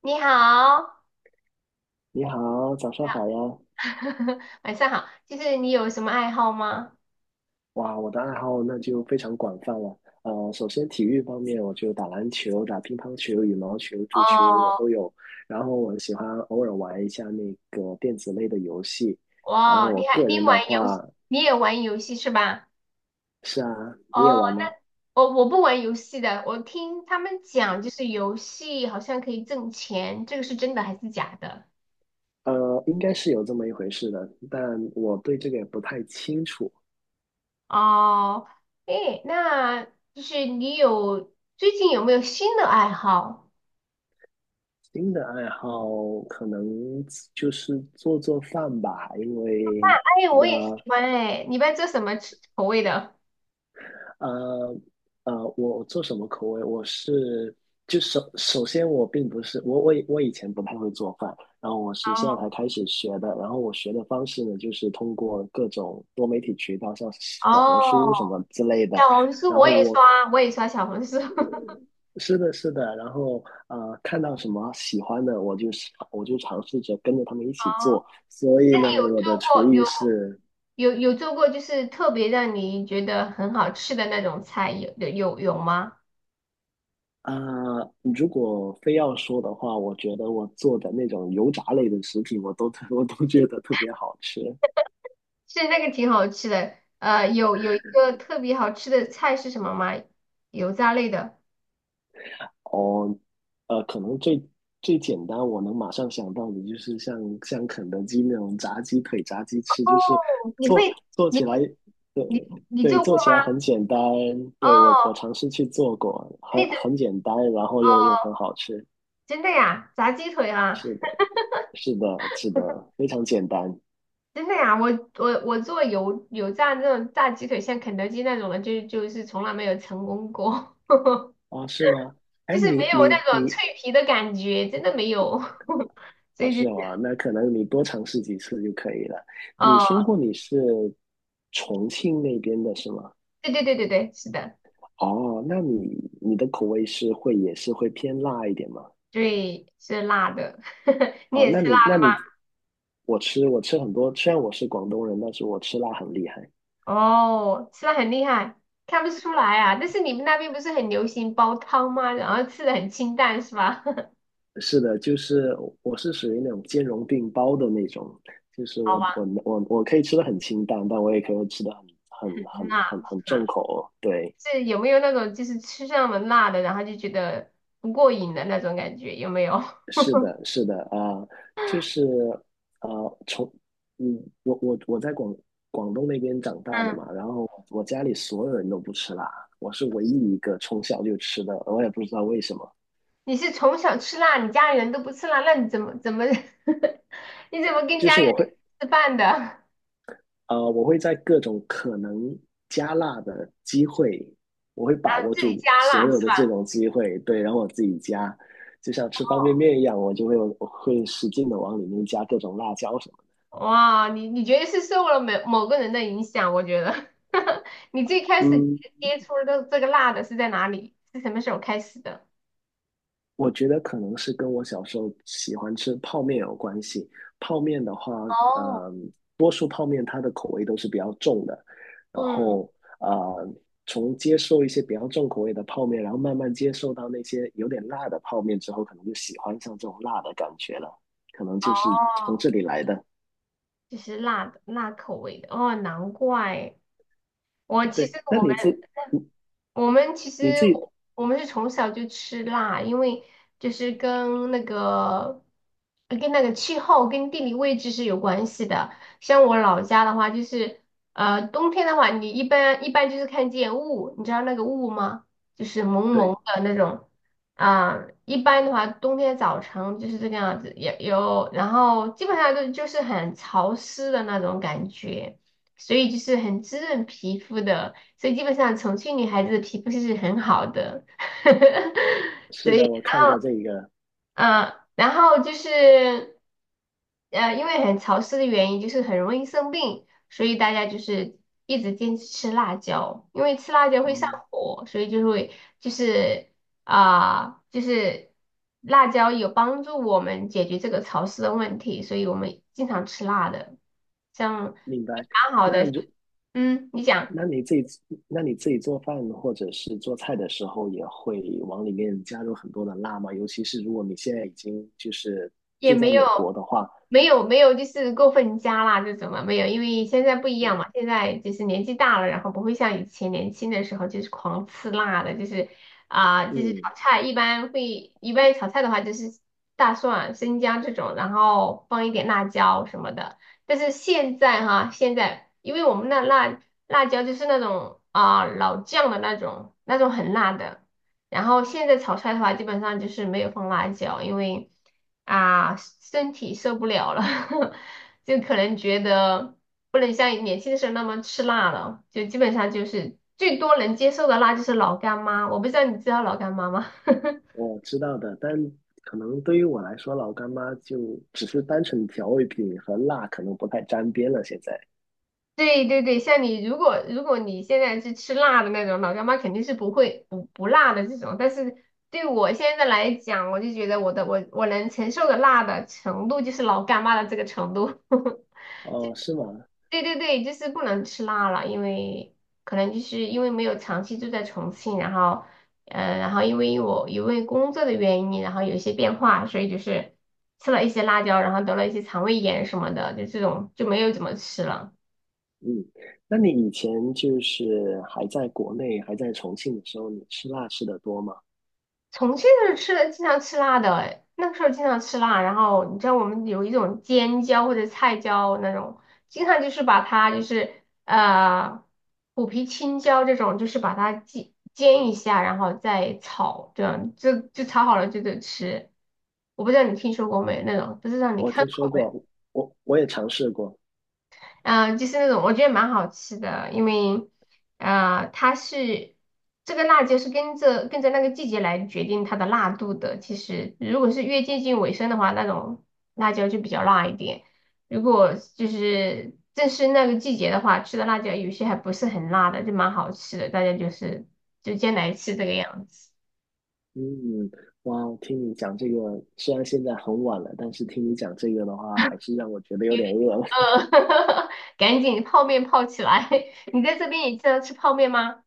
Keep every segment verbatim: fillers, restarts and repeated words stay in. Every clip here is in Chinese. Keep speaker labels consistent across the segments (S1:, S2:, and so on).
S1: 你好，
S2: 你好，早上好呀！
S1: 晚上好。就是你有什么爱好吗？
S2: 哇，我的爱好那就非常广泛了。呃，首先体育方面，我就打篮球、打乒乓球、羽毛球、足球我
S1: 哦，
S2: 都有。然后我喜欢偶尔玩一下那个电子类的游戏。然后
S1: 哇，你
S2: 我
S1: 还
S2: 个
S1: 你
S2: 人的
S1: 玩游戏，
S2: 话，
S1: 你也玩游戏是吧？
S2: 是啊，你也
S1: 哦，
S2: 玩吗？
S1: 我我不玩游戏的，我听他们讲，就是游戏好像可以挣钱，这个是真的还是假的？
S2: 呃，应该是有这么一回事的，但我对这个也不太清楚。
S1: 哦，诶，那就是你有最近有没有新的爱好？
S2: 新的爱好可能就是做做饭吧，因为
S1: 哎，我
S2: 那、
S1: 也喜
S2: 呃
S1: 欢哎，你一般做什么吃口味的？
S2: 呃呃，我做什么口味？我是就首首先我并不是我我以我以前不太会做饭，然后我是现在
S1: 哦
S2: 才开始学的。然后我学的方式呢，就是通过各种多媒体渠道，像小红书什
S1: 哦，
S2: 么之类的。
S1: 小红书
S2: 然
S1: 我
S2: 后
S1: 也
S2: 我
S1: 刷，我也刷小红书。
S2: 是的是的，然后呃看到什么喜欢的，我就我就尝试着跟着他们一起做。
S1: 哦，
S2: 所以
S1: 那你
S2: 呢，
S1: 有
S2: 我的
S1: 做
S2: 厨
S1: 过有
S2: 艺是
S1: 有有做过，就是特别让你觉得很好吃的那种菜，有有有有吗？
S2: 啊、如果非要说的话，我觉得我做的那种油炸类的食品，我都 我都觉得特别好吃。
S1: 是那个挺好吃的，呃，有有一个特别好吃的菜是什么吗？油炸类的，
S2: 哦，呃，可能最最简单，我能马上想到的就是像像肯德基那种炸鸡腿、炸鸡翅，就是
S1: 哦，你
S2: 做
S1: 会
S2: 做
S1: 你
S2: 起来，
S1: 会
S2: 对
S1: 你你
S2: 对，
S1: 做过
S2: 做起来
S1: 吗？
S2: 很简单。对，我
S1: 哦，
S2: 我尝试去做过，很
S1: 那种
S2: 很简单，然后
S1: 哦，
S2: 又又很好吃。
S1: 真的呀，炸鸡腿啊，
S2: 是的，是的，是的，非常简单。
S1: 真的呀，我我我做油油炸那种炸鸡腿，像肯德基那种的，就就是从来没有成功过。
S2: 啊？是吗？
S1: 就
S2: 哎，
S1: 是没
S2: 你
S1: 有
S2: 你
S1: 那种
S2: 你
S1: 脆皮的感觉，真的没有。所
S2: 哦，
S1: 以就
S2: 是
S1: 是，
S2: 吗？那可能你多尝试几次就可以了。你说
S1: 哦，
S2: 过你是重庆那边的是吗？
S1: 对对对对对，是的，
S2: 哦，那你你的口味是会也是会偏辣一点吗？
S1: 对，是辣的。你
S2: 哦，
S1: 也
S2: 那
S1: 吃
S2: 你
S1: 辣
S2: 那你我吃我吃很多，虽然我是广东人，但是我吃辣很厉害。
S1: 哦，吃辣很厉害，看不出来啊。但是你们那边不是很流行煲汤吗？然后吃的很清淡是吧？
S2: 是的，就是我是属于那种兼容并包的那种，就是
S1: 好
S2: 我我
S1: 吧，
S2: 我我可以吃的很清淡，但我也可以吃的很很很
S1: 辣
S2: 很很
S1: 辣
S2: 重口。对，
S1: 是有没有那种就是吃上了辣的，然后就觉得不过瘾的那种感觉？有没有？
S2: 是的，是的啊，就是啊，从嗯，我我我在广广东那边长大的
S1: 嗯。
S2: 嘛，然后我家里所有人都不吃辣，我是唯一一个从小就吃的，我也不知道为什么，
S1: 你是从小吃辣，你家里人都不吃辣，那你怎么怎么 你怎么跟
S2: 就
S1: 家
S2: 是
S1: 里
S2: 我会
S1: 人吃饭的？然
S2: 呃，我会在各种可能加辣的机会，我会把
S1: 后
S2: 握
S1: 自己
S2: 住
S1: 加
S2: 所
S1: 辣
S2: 有
S1: 是
S2: 的这
S1: 吧？
S2: 种机会，对，然后我自己加，就像吃方便面一样，我就会我会使劲的往里面加各种辣椒什么
S1: 哇，你你觉得是受了某某个人的影响？我觉得 你最开
S2: 的
S1: 始
S2: 嗯。
S1: 接触的这个辣的是在哪里？是什么时候开始的？
S2: 我觉得可能是跟我小时候喜欢吃泡面有关系。泡面的话，
S1: 哦，
S2: 嗯，多数泡面它的口味都是比较重的，然
S1: 嗯，
S2: 后呃，从接受一些比较重口味的泡面，然后慢慢接受到那些有点辣的泡面之后，可能就喜欢上这种辣的感觉了，可能就是从
S1: 哦，
S2: 这里来的。
S1: 就是辣的辣口味的哦，难怪我其实
S2: 对，那
S1: 我们
S2: 你自
S1: 我们其
S2: 你
S1: 实
S2: 自己
S1: 我们是从小就吃辣，因为就是跟那个跟那个气候跟地理位置是有关系的。像我老家的话，就是呃冬天的话，你一般一般就是看见雾，你知道那个雾吗？就是蒙蒙
S2: 对，
S1: 的那种啊、一般的话，冬天早晨就是这个样子，有有，然后基本上都就是很潮湿的那种感觉。所以就是很滋润皮肤的，所以基本上重庆女孩子的皮肤是很好的。
S2: 是的，我看过这一个，
S1: 嗯，然后就是呃，因为很潮湿的原因，就是很容易生病，所以大家就是一直坚持吃辣椒，因为吃辣椒会上
S2: 哦，
S1: 火，所以就会就是啊、就是辣椒有帮助我们解决这个潮湿的问题，所以我们经常吃辣的，像
S2: 明白。
S1: 蛮好
S2: 那
S1: 的，
S2: 就。
S1: 嗯，你讲。
S2: 那你自己，那你自己做饭或者是做菜的时候，也会往里面加入很多的辣吗？尤其是如果你现在已经就是
S1: 也
S2: 住
S1: 没
S2: 在
S1: 有，
S2: 美国的话，
S1: 没有，没有，就是过分加辣这种嘛，没有，因为现在不一样
S2: 嗯，
S1: 嘛，现在就是年纪大了，然后不会像以前年轻的时候就是狂吃辣的，就是啊、就是炒
S2: 嗯
S1: 菜一般会，一般炒菜的话就是大蒜啊、生姜这种，然后放一点辣椒什么的。但是现在哈，现在因为我们那辣辣椒就是那种啊、老酱的那种，那种很辣的。然后现在炒菜的话，基本上就是没有放辣椒，因为啊，身体受不了了，就可能觉得不能像年轻的时候那么吃辣了，就基本上就是最多能接受的辣就是老干妈。我不知道你知道老干妈吗？
S2: 我知道的，但可能对于我来说，老干妈就只是单纯调味品和辣，可能不太沾边了。现在，
S1: 对对对，像你如果如果你现在是吃辣的那种老干妈，肯定是不会不不辣的这种。但是对我现在来讲，我就觉得我的我我能承受的辣的程度就是老干妈的这个程度。
S2: 哦，是吗？
S1: 对对对，就是不能吃辣了，因为可能就是因为没有长期住在重庆，然后，嗯，然后因为我因为工作的原因，然后有一些变化，所以就是吃了一些辣椒，然后得了一些肠胃炎什么的，就这种就没有怎么吃了。
S2: 嗯，那你以前就是还在国内，还在重庆的时候，你吃辣吃的多吗？
S1: 重庆是吃的经常吃辣的，哎那个时候经常吃辣。然后你知道我们有一种尖椒或者菜椒那种，经常就是把它就是呃虎皮青椒这种，就是把它煎煎一下，然后再炒，这样就就炒好了就得吃。我不知道你听说过没那种，不知道你
S2: 我
S1: 看
S2: 听说
S1: 过没？
S2: 过，我我也尝试过。
S1: 嗯呃，就是那种我觉得蛮好吃的，因为呃，它是这个辣椒是跟着跟着那个季节来决定它的辣度的。其实如果是越接近尾声的话，那种辣椒就比较辣一点；如果就是正是那个季节的话，吃的辣椒有些还不是很辣的，就蛮好吃的。大家就是就先来吃这个样子。
S2: 嗯，哇，听你讲这个，虽然现在很晚了，但是听你讲这个的话，还是让我觉得有点饿了。
S1: 呃，赶紧泡面泡起来！你在这边也经常吃泡面吗？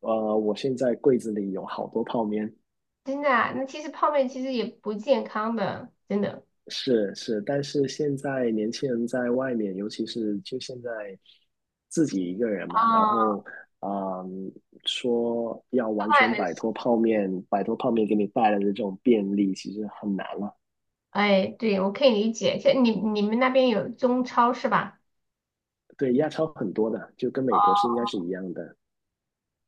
S2: 呃，我现在柜子里有好多泡面，
S1: 真的啊，那其实泡面其实也不健康的，真的。
S2: 是是，但是现在年轻人在外面，尤其是就现在自己一个人嘛，
S1: 哦，
S2: 然后啊嗯，说要完全摆脱泡面，摆脱泡面给你带来的这种便利，其实很难了。
S1: 哎，对，我可以理解。像你你们那边有中超是吧？
S2: 对，亚超很多的，就跟美国是应该是一样的。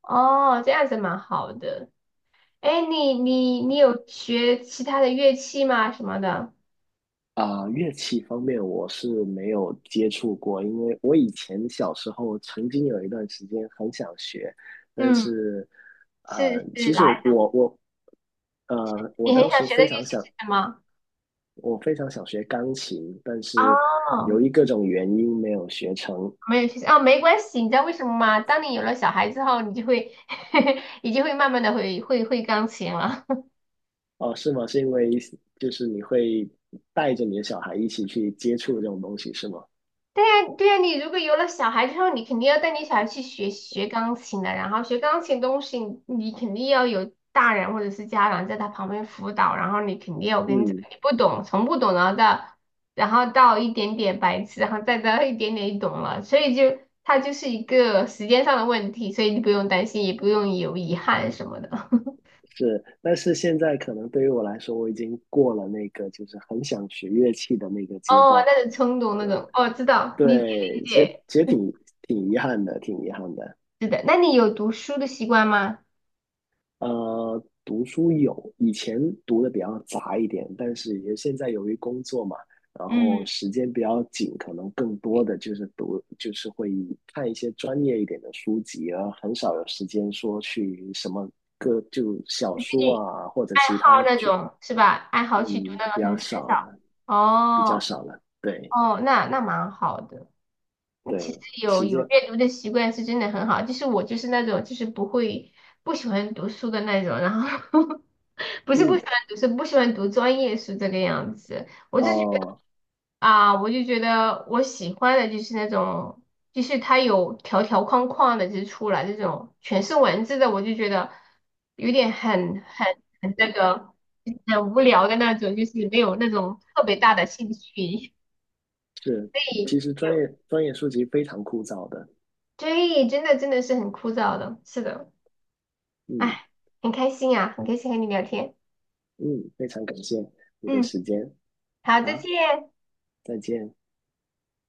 S1: 哦，这样子蛮好的。哎，你你你有学其他的乐器吗？什么的？
S2: 啊、乐器方面我是没有接触过，因为我以前小时候曾经有一段时间很想学，但
S1: 嗯，
S2: 是，啊，
S1: 是是，
S2: 其实我
S1: 来，
S2: 我我，呃，我
S1: 你很
S2: 当
S1: 想
S2: 时
S1: 学的
S2: 非
S1: 乐
S2: 常
S1: 器
S2: 想，
S1: 是什么？
S2: 我非常想学钢琴，但是由
S1: 哦，
S2: 于各种原因没有学成。
S1: 没有学哦，没关系。你知道为什么吗？当你有了小孩之后，你就会 你就会慢慢的会会会钢琴了。
S2: 哦，是吗？是因为就是你会带着你的小孩一起去接触这种东西，是吗？
S1: 对呀，对呀，你如果有了小孩之后，你肯定要带你小孩去学学钢琴的，然后学钢琴东西，你肯定要有大人或者是家长在他旁边辅导，然后你肯定要我跟你讲，
S2: 嗯
S1: 你不懂，从不懂，然后到然后到一点点白痴，然后再到一点点懂了，所以就它就是一个时间上的问题，所以你不用担心，也不用有遗憾什么的。
S2: 是，但是现在可能对于我来说，我已经过了那个就是很想学乐器的那个阶
S1: 哦，
S2: 段了。
S1: 那种冲动那
S2: 对，
S1: 种，哦，知道，理解理
S2: 对其实
S1: 解，
S2: 其实挺挺遗憾的，挺遗憾的。
S1: 是的，那你有读书的习惯吗？
S2: 呃，读书有，以前读的比较杂一点，但是也现在由于工作嘛，然后
S1: 嗯，
S2: 时间比较紧，可能更多的就是读，就是会看一些专业一点的书籍，而很少有时间说去什么个就小说啊，或者
S1: 爱
S2: 其
S1: 好
S2: 他
S1: 那
S2: 去，
S1: 种是吧？爱好去读
S2: 嗯，
S1: 那种
S2: 比
S1: 很
S2: 较
S1: 很
S2: 少
S1: 少。
S2: 了。比较
S1: 哦
S2: 少了。对
S1: 哦，那那蛮好的。其实
S2: 对，
S1: 有
S2: 时
S1: 有
S2: 间，
S1: 阅读的习惯是真的很好。就是我就是那种就是不会不喜欢读书的那种，然后 不是不
S2: 嗯，
S1: 喜欢读书，不喜欢读专业书这个样子。我就觉得。
S2: 哦，
S1: 啊，我就觉得我喜欢的就是那种，就是它有条条框框的，就是出来这种全是文字的，我就觉得有点很很很那个很无聊的那种，就是没有那种特别大的兴趣，
S2: 是，
S1: 所
S2: 其
S1: 以
S2: 实专
S1: 有，
S2: 业专业书籍非常枯燥的。
S1: 对，真的真的是很枯燥的，是的，
S2: 嗯
S1: 哎，很开心啊，很开心和你聊天，
S2: 嗯，非常感谢你的
S1: 嗯，
S2: 时间，
S1: 好，再
S2: 好，
S1: 见。
S2: 再见。